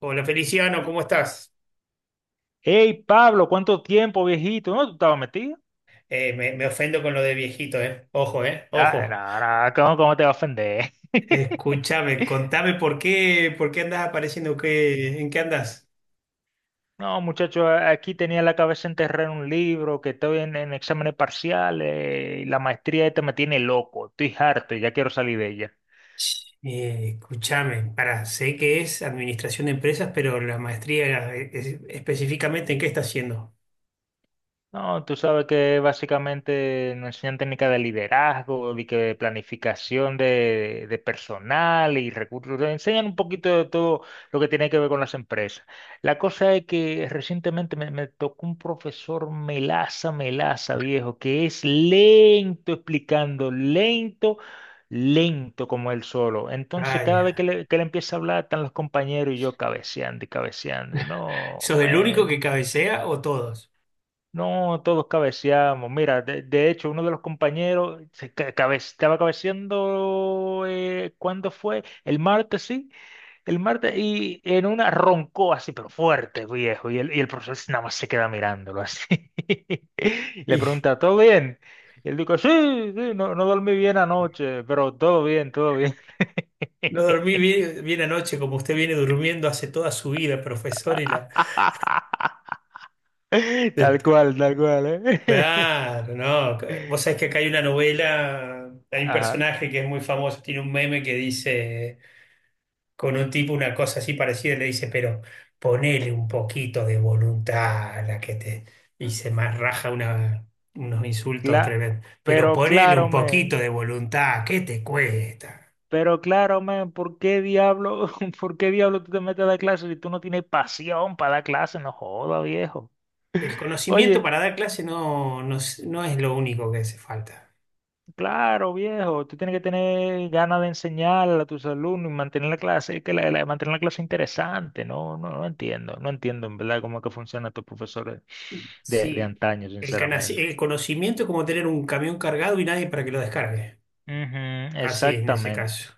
Hola Feliciano, ¿cómo estás? Hey, Pablo, ¿cuánto tiempo, viejito? ¿No tú estabas metido? Me ofendo con lo de viejito, ¿eh? Ojo, ¿eh? Ah, Ojo. no, no, ¿cómo te va a ofender? Escúchame, contame por qué andás apareciendo, qué, ¿en qué andás? No, muchacho, aquí tenía la cabeza enterrada en un libro, que estoy en exámenes parciales, y la maestría esta me tiene loco, estoy harto y ya quiero salir de ella. Escúchame, para, sé que es administración de empresas, pero la maestría específicamente, ¿en qué estás haciendo? No, tú sabes que básicamente nos enseñan técnicas de liderazgo, de que planificación de personal y recursos. Nos enseñan un poquito de todo lo que tiene que ver con las empresas. La cosa es que recientemente me tocó un profesor melaza, melaza, viejo, que es lento explicando, lento, lento como él solo. Ah, Entonces, cada vez que ya. que le empieza a hablar, están los compañeros y yo cabeceando y cabeceando. Y no, ¿Sos el único que man. cabecea o todos? No, todos cabeceamos. Mira, de hecho, uno de los compañeros estaba cabeceando, ¿cuándo fue? El martes, sí, el martes, y en una roncó así, pero fuerte, viejo, y el profesor nada más se queda mirándolo así. Le Y pregunta, ¿todo bien? Y él dijo, sí, sí, no, no dormí bien anoche, pero todo bien, todo bien. no dormí bien anoche, como usted viene durmiendo hace toda su vida, profesor, y la... tal cual, ¿eh? Claro, no. Vos sabés que acá hay una novela, hay un Ajá. personaje que es muy famoso, tiene un meme que dice con un tipo una cosa así parecida, le dice, pero ponele un poquito de voluntad a la que te hice más raja una, unos insultos Cla- tremendos. Pero pero ponele un claro, poquito men, de voluntad, ¿qué te cuesta? pero claro, men, ¿por qué diablo, por qué diablo tú te metes a dar clases si tú no tienes pasión para dar clases? No joda, viejo. El conocimiento Oye, para dar clase no es lo único que hace falta. claro, viejo, tú tienes que tener ganas de enseñar a tus alumnos y mantener la clase, mantener la clase interesante, ¿no? No, no entiendo, no entiendo en verdad cómo es que funcionan estos profesores de Sí, antaño, sinceramente. el conocimiento es como tener un camión cargado y nadie para que lo descargue. Ujú, Así es, en ese exactamente, caso.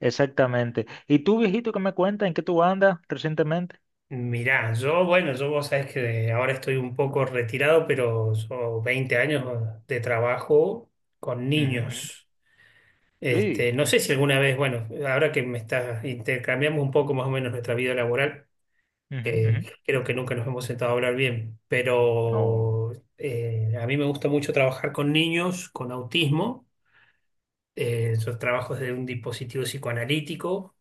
exactamente. ¿Y tú, viejito, qué me cuentas? ¿En qué tú andas recientemente? Mirá, yo, bueno, yo vos sabés que ahora estoy un poco retirado, pero yo 20 años de trabajo con Ujú, niños. Este, sí, no sé si alguna vez, bueno, ahora que me estás, intercambiamos un poco más o menos nuestra vida laboral, ujú, ujú. que creo que nunca nos hemos sentado a hablar bien, No. pero a mí me gusta mucho trabajar con niños con autismo. Yo trabajo desde un dispositivo psicoanalítico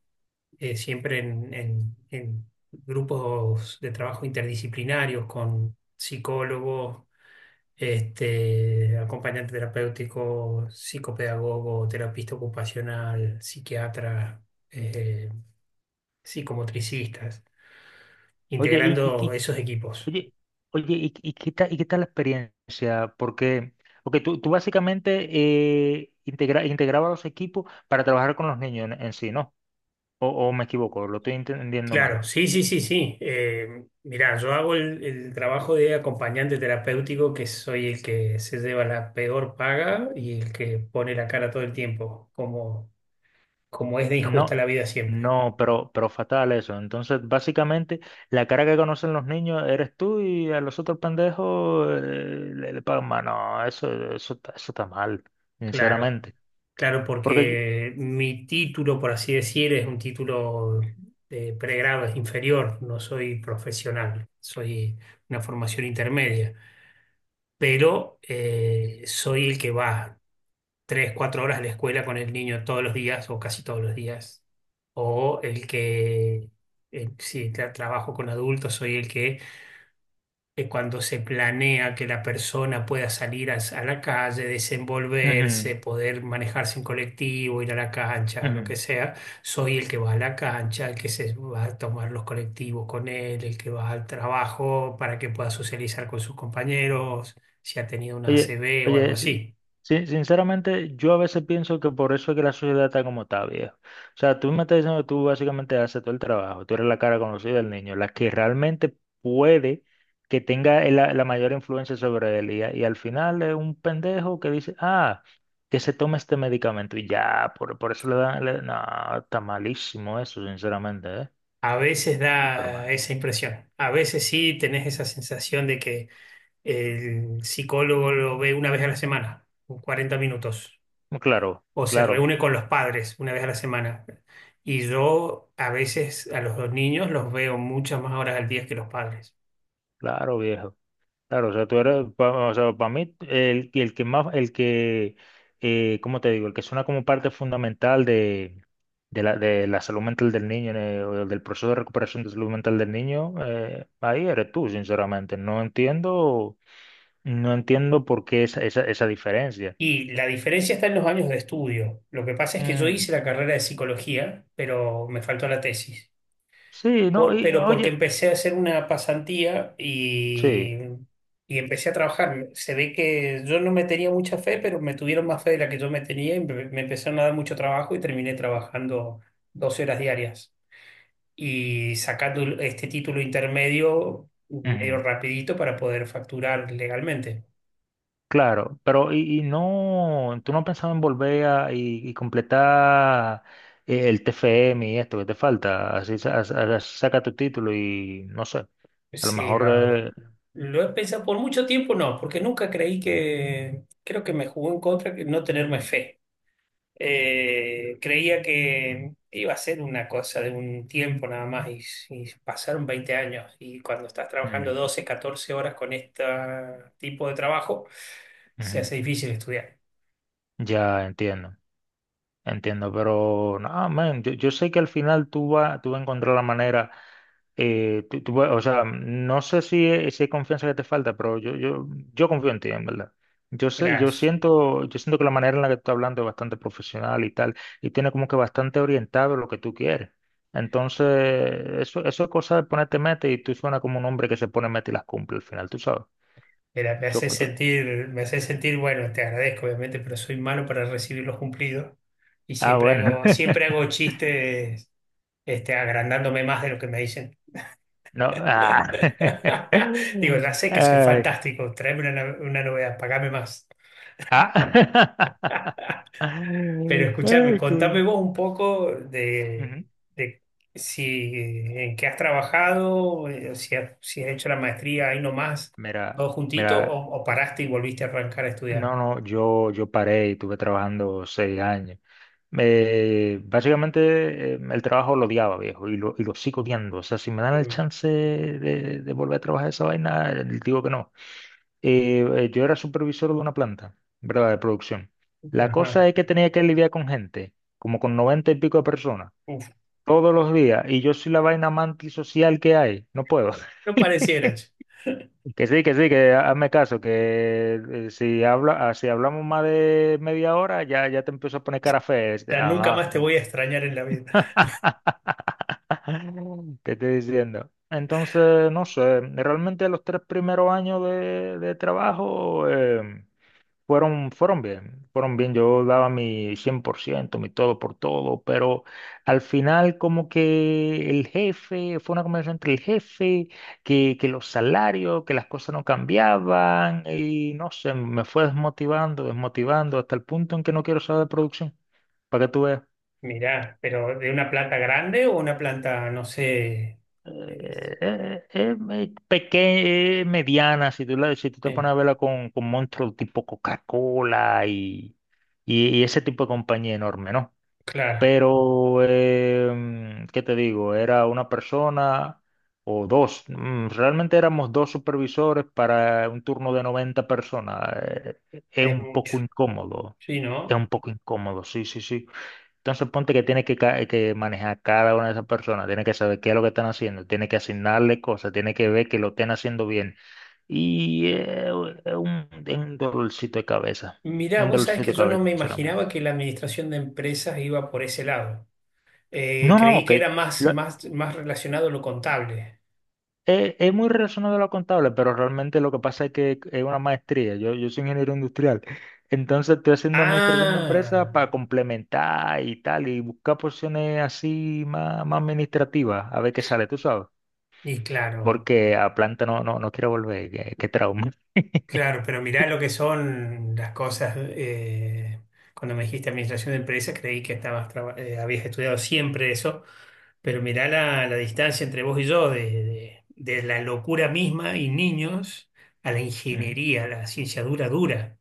siempre en grupos de trabajo interdisciplinarios con psicólogos, este, acompañante terapéutico, psicopedagogo, terapista ocupacional, psiquiatra, eh, psicomotricistas, Oye, integrando esos equipos. oye, oye, y qué tal, la experiencia? Porque, porque tú básicamente integrabas los equipos para trabajar con los niños en sí, ¿no? O me equivoco, lo estoy entendiendo mal. Claro, sí, sí, sí, sí. Mirá, yo hago el trabajo de acompañante terapéutico, que soy el que se lleva la peor paga y el que pone la cara todo el tiempo, como, como es de No, injusta la vida siempre. no, pero fatal eso. Entonces, básicamente, la cara que conocen los niños eres tú y a los otros pendejos le pagan más. No, eso está mal, Claro, sinceramente. claro, Porque, yo- porque mi título, por así decir, es un título de pregrado, es inferior, no soy profesional, soy una formación intermedia, pero soy el que va. Tres, cuatro horas a la escuela con el niño todos los días o casi todos los días. O el que, si trabajo con adultos, soy el que cuando se planea que la persona pueda salir a la calle, Ujú, desenvolverse, poder manejarse en colectivo, ir a la cancha o lo ujú. que sea, soy el que va a la cancha, el que se va a tomar los colectivos con él, el que va al trabajo para que pueda socializar con sus compañeros, si ha tenido una Oye, ACV o algo oye, así. Sinceramente, yo a veces pienso que por eso es que la sociedad está como está, viejo. O sea, tú me estás diciendo que tú básicamente haces todo el trabajo, tú eres la cara conocida del niño, la que realmente puede que tenga la mayor influencia sobre él. Y al final es un pendejo que dice, ah, que se tome este medicamento y ya, por eso le dan. No, está malísimo eso, sinceramente, ¿eh? A veces Súper da mal. esa impresión. A veces sí tenés esa sensación de que el psicólogo lo ve una vez a la semana, 40 minutos, Claro, o se claro, reúne con los padres una vez a la semana. Y yo a veces a los dos niños los veo muchas más horas al día que los padres. claro, viejo. Claro, o sea, o sea, para mí, el que más, el que, ¿cómo te digo? El que suena como parte fundamental de la salud mental del niño, o del proceso de recuperación de salud mental del niño, ahí eres tú, sinceramente. No entiendo, no entiendo por qué esa, esa, esa diferencia. Y la diferencia está en los años de estudio. Lo que pasa es que yo Mm, hice la carrera de psicología, pero me faltó la tesis. sí, no, Por- y pero porque oye, empecé a hacer una pasantía sí. y empecé a trabajar. Se ve que yo no me tenía mucha fe, pero me tuvieron más fe de la que yo me tenía y me empezaron a dar mucho trabajo y terminé trabajando 12 horas diarias y sacando este título intermedio medio rapidito para poder facturar legalmente. Claro, pero y no, tú no has pensado en volver a, y completar el TFM y esto que te falta, así, así saca tu título y no sé, a lo Sí, mejor lo he pensado por mucho tiempo, no, porque nunca creí que, creo que me jugó en contra que no tenerme fe. Creía que iba a ser una cosa de un tiempo nada más y pasaron 20 años y cuando estás trabajando ujú, 12 14 horas con este tipo de trabajo, se ujú, hace difícil estudiar. ya entiendo, entiendo, pero no, man, yo sé que al final tú vas a encontrar la manera. O sea, no sé si, si hay confianza que te falta, pero yo confío en ti, en verdad. Yo sé, Gracias. Yo siento que la manera en la que tú estás hablando es bastante profesional y tal, y tiene como que bastante orientado lo que tú quieres. Entonces, eso es cosa de ponerte meta y tú suena como un hombre que se pone meta y las cumple al final, tú sabes. Mira, Yo, yo- me hace sentir, bueno, te agradezco obviamente, pero soy malo para recibir los cumplidos y ah, bueno. Siempre hago chistes, este, agrandándome más de lo que me dicen. No, ah. Digo, ya sé que soy Ay, fantástico, tráeme una, no- una novedad, pagame más. ah. Ay, Pero escúchame, contame cool. vos un poco Ujú. de si en qué has trabajado, si has, si has hecho la maestría ahí nomás, Mira. todo juntito, Mira, o paraste y volviste a arrancar a no, estudiar. no, yo paré y estuve trabajando 6 años. Básicamente el trabajo lo odiaba, viejo, y lo sigo odiando. O sea, si me dan el Mm. chance de volver a trabajar esa vaina, digo que no. Yo era supervisor de una planta, ¿verdad? De producción. La Ajá. cosa es que tenía que lidiar con gente, como con 90 y pico de personas, Uf, todos los días, y yo soy la vaina más antisocial que hay. No puedo. no parecieras. Que sí, que sí, que hazme caso, que ah, si hablamos más de media hora, ya te empiezo a poner cara fea. Este, Ya nunca ajá. más te voy a extrañar en la vida. ¿Qué estoy diciendo? Entonces, no sé, realmente los 3 primeros años de trabajo, em, fueron, fueron bien, fueron bien. Yo daba mi 100% mi todo por todo, pero al final como que el jefe, fue una conversación entre el jefe, que los salarios, que las cosas no cambiaban y no sé, me fue desmotivando, desmotivando hasta el punto en que no quiero saber de producción, para que tú veas. Mirá, pero de una planta grande o una planta, no sé. es- Pequeña, mediana, si tú te eh, pones a verla con monstruos tipo Coca-Cola y ese tipo de compañía enorme, ¿no? claro, Pero, em, ¿qué te digo? Era una persona o dos. Mm, realmente éramos dos supervisores para un turno de 90 personas. Es es un mucho. poco incómodo. Sí, Es ¿no? un poco incómodo, sí, sí, sí. Entonces ponte que que manejar cada una de esas personas, tienes que saber qué es lo que están haciendo, tienes que asignarle cosas, tienes que ver que lo estén haciendo bien. Y es un dolorcito de cabeza, es Mirá, un vos sabés dolorcito que de yo no cabeza, me imaginaba sinceramente. que la administración de empresas iba por ese lado. No, Creí no, que que, era más, lo- más, más relacionado a lo contable. Es muy relacionado a lo contable, pero realmente lo que pasa es que es una maestría. Yo soy ingeniero industrial. Entonces estoy haciendo administración de Ah, empresas para complementar y tal, y buscar posiciones así más, más administrativas, a ver qué sale, tú sabes. y claro, Porque a planta no, no, no quiero volver, qué, qué trauma. claro, pero mirá lo que son las cosas. Cuando me dijiste administración de empresas, creí que estabas habías estudiado siempre eso, pero mirá la distancia entre vos y yo de la locura misma y niños a la Ujú. ingeniería, a la ciencia dura, dura.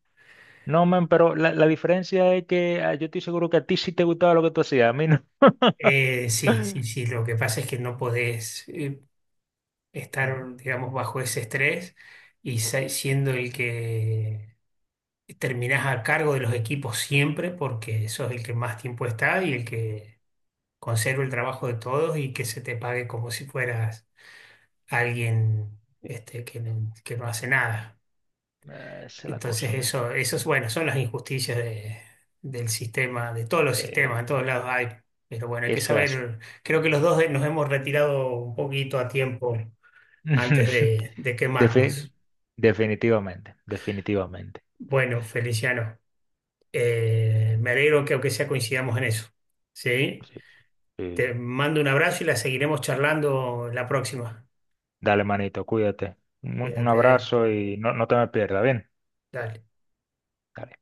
No, man, pero la diferencia es que ah, yo estoy seguro que a ti sí te gustaba lo que tú hacías, a mí no. Sí, sí, sí, lo que pasa es que no podés. Ujú. Estar, digamos, bajo ese estrés y siendo el que terminás a cargo de los equipos siempre porque sos el que más tiempo está y el que conserva el trabajo de todos y que se te pague como si fueras alguien este, que no hace nada. Ah, esa es la cosa, Entonces man. eso es bueno, son las injusticias del sistema, de todos los sistemas, Eh, en todos lados hay. Pero bueno, hay que eso es saber, creo que los dos nos hemos retirado un poquito a tiempo así. antes de Defi- quemarnos. definitivamente, definitivamente. Bueno, Feliciano, me alegro que aunque sea coincidamos en eso, ¿sí? Sí, Te sí. mando un abrazo y la seguiremos charlando la próxima. Dale, manito, cuídate. Un Cuídate, abrazo y no, no te me pierdas, bien. dale. Dale.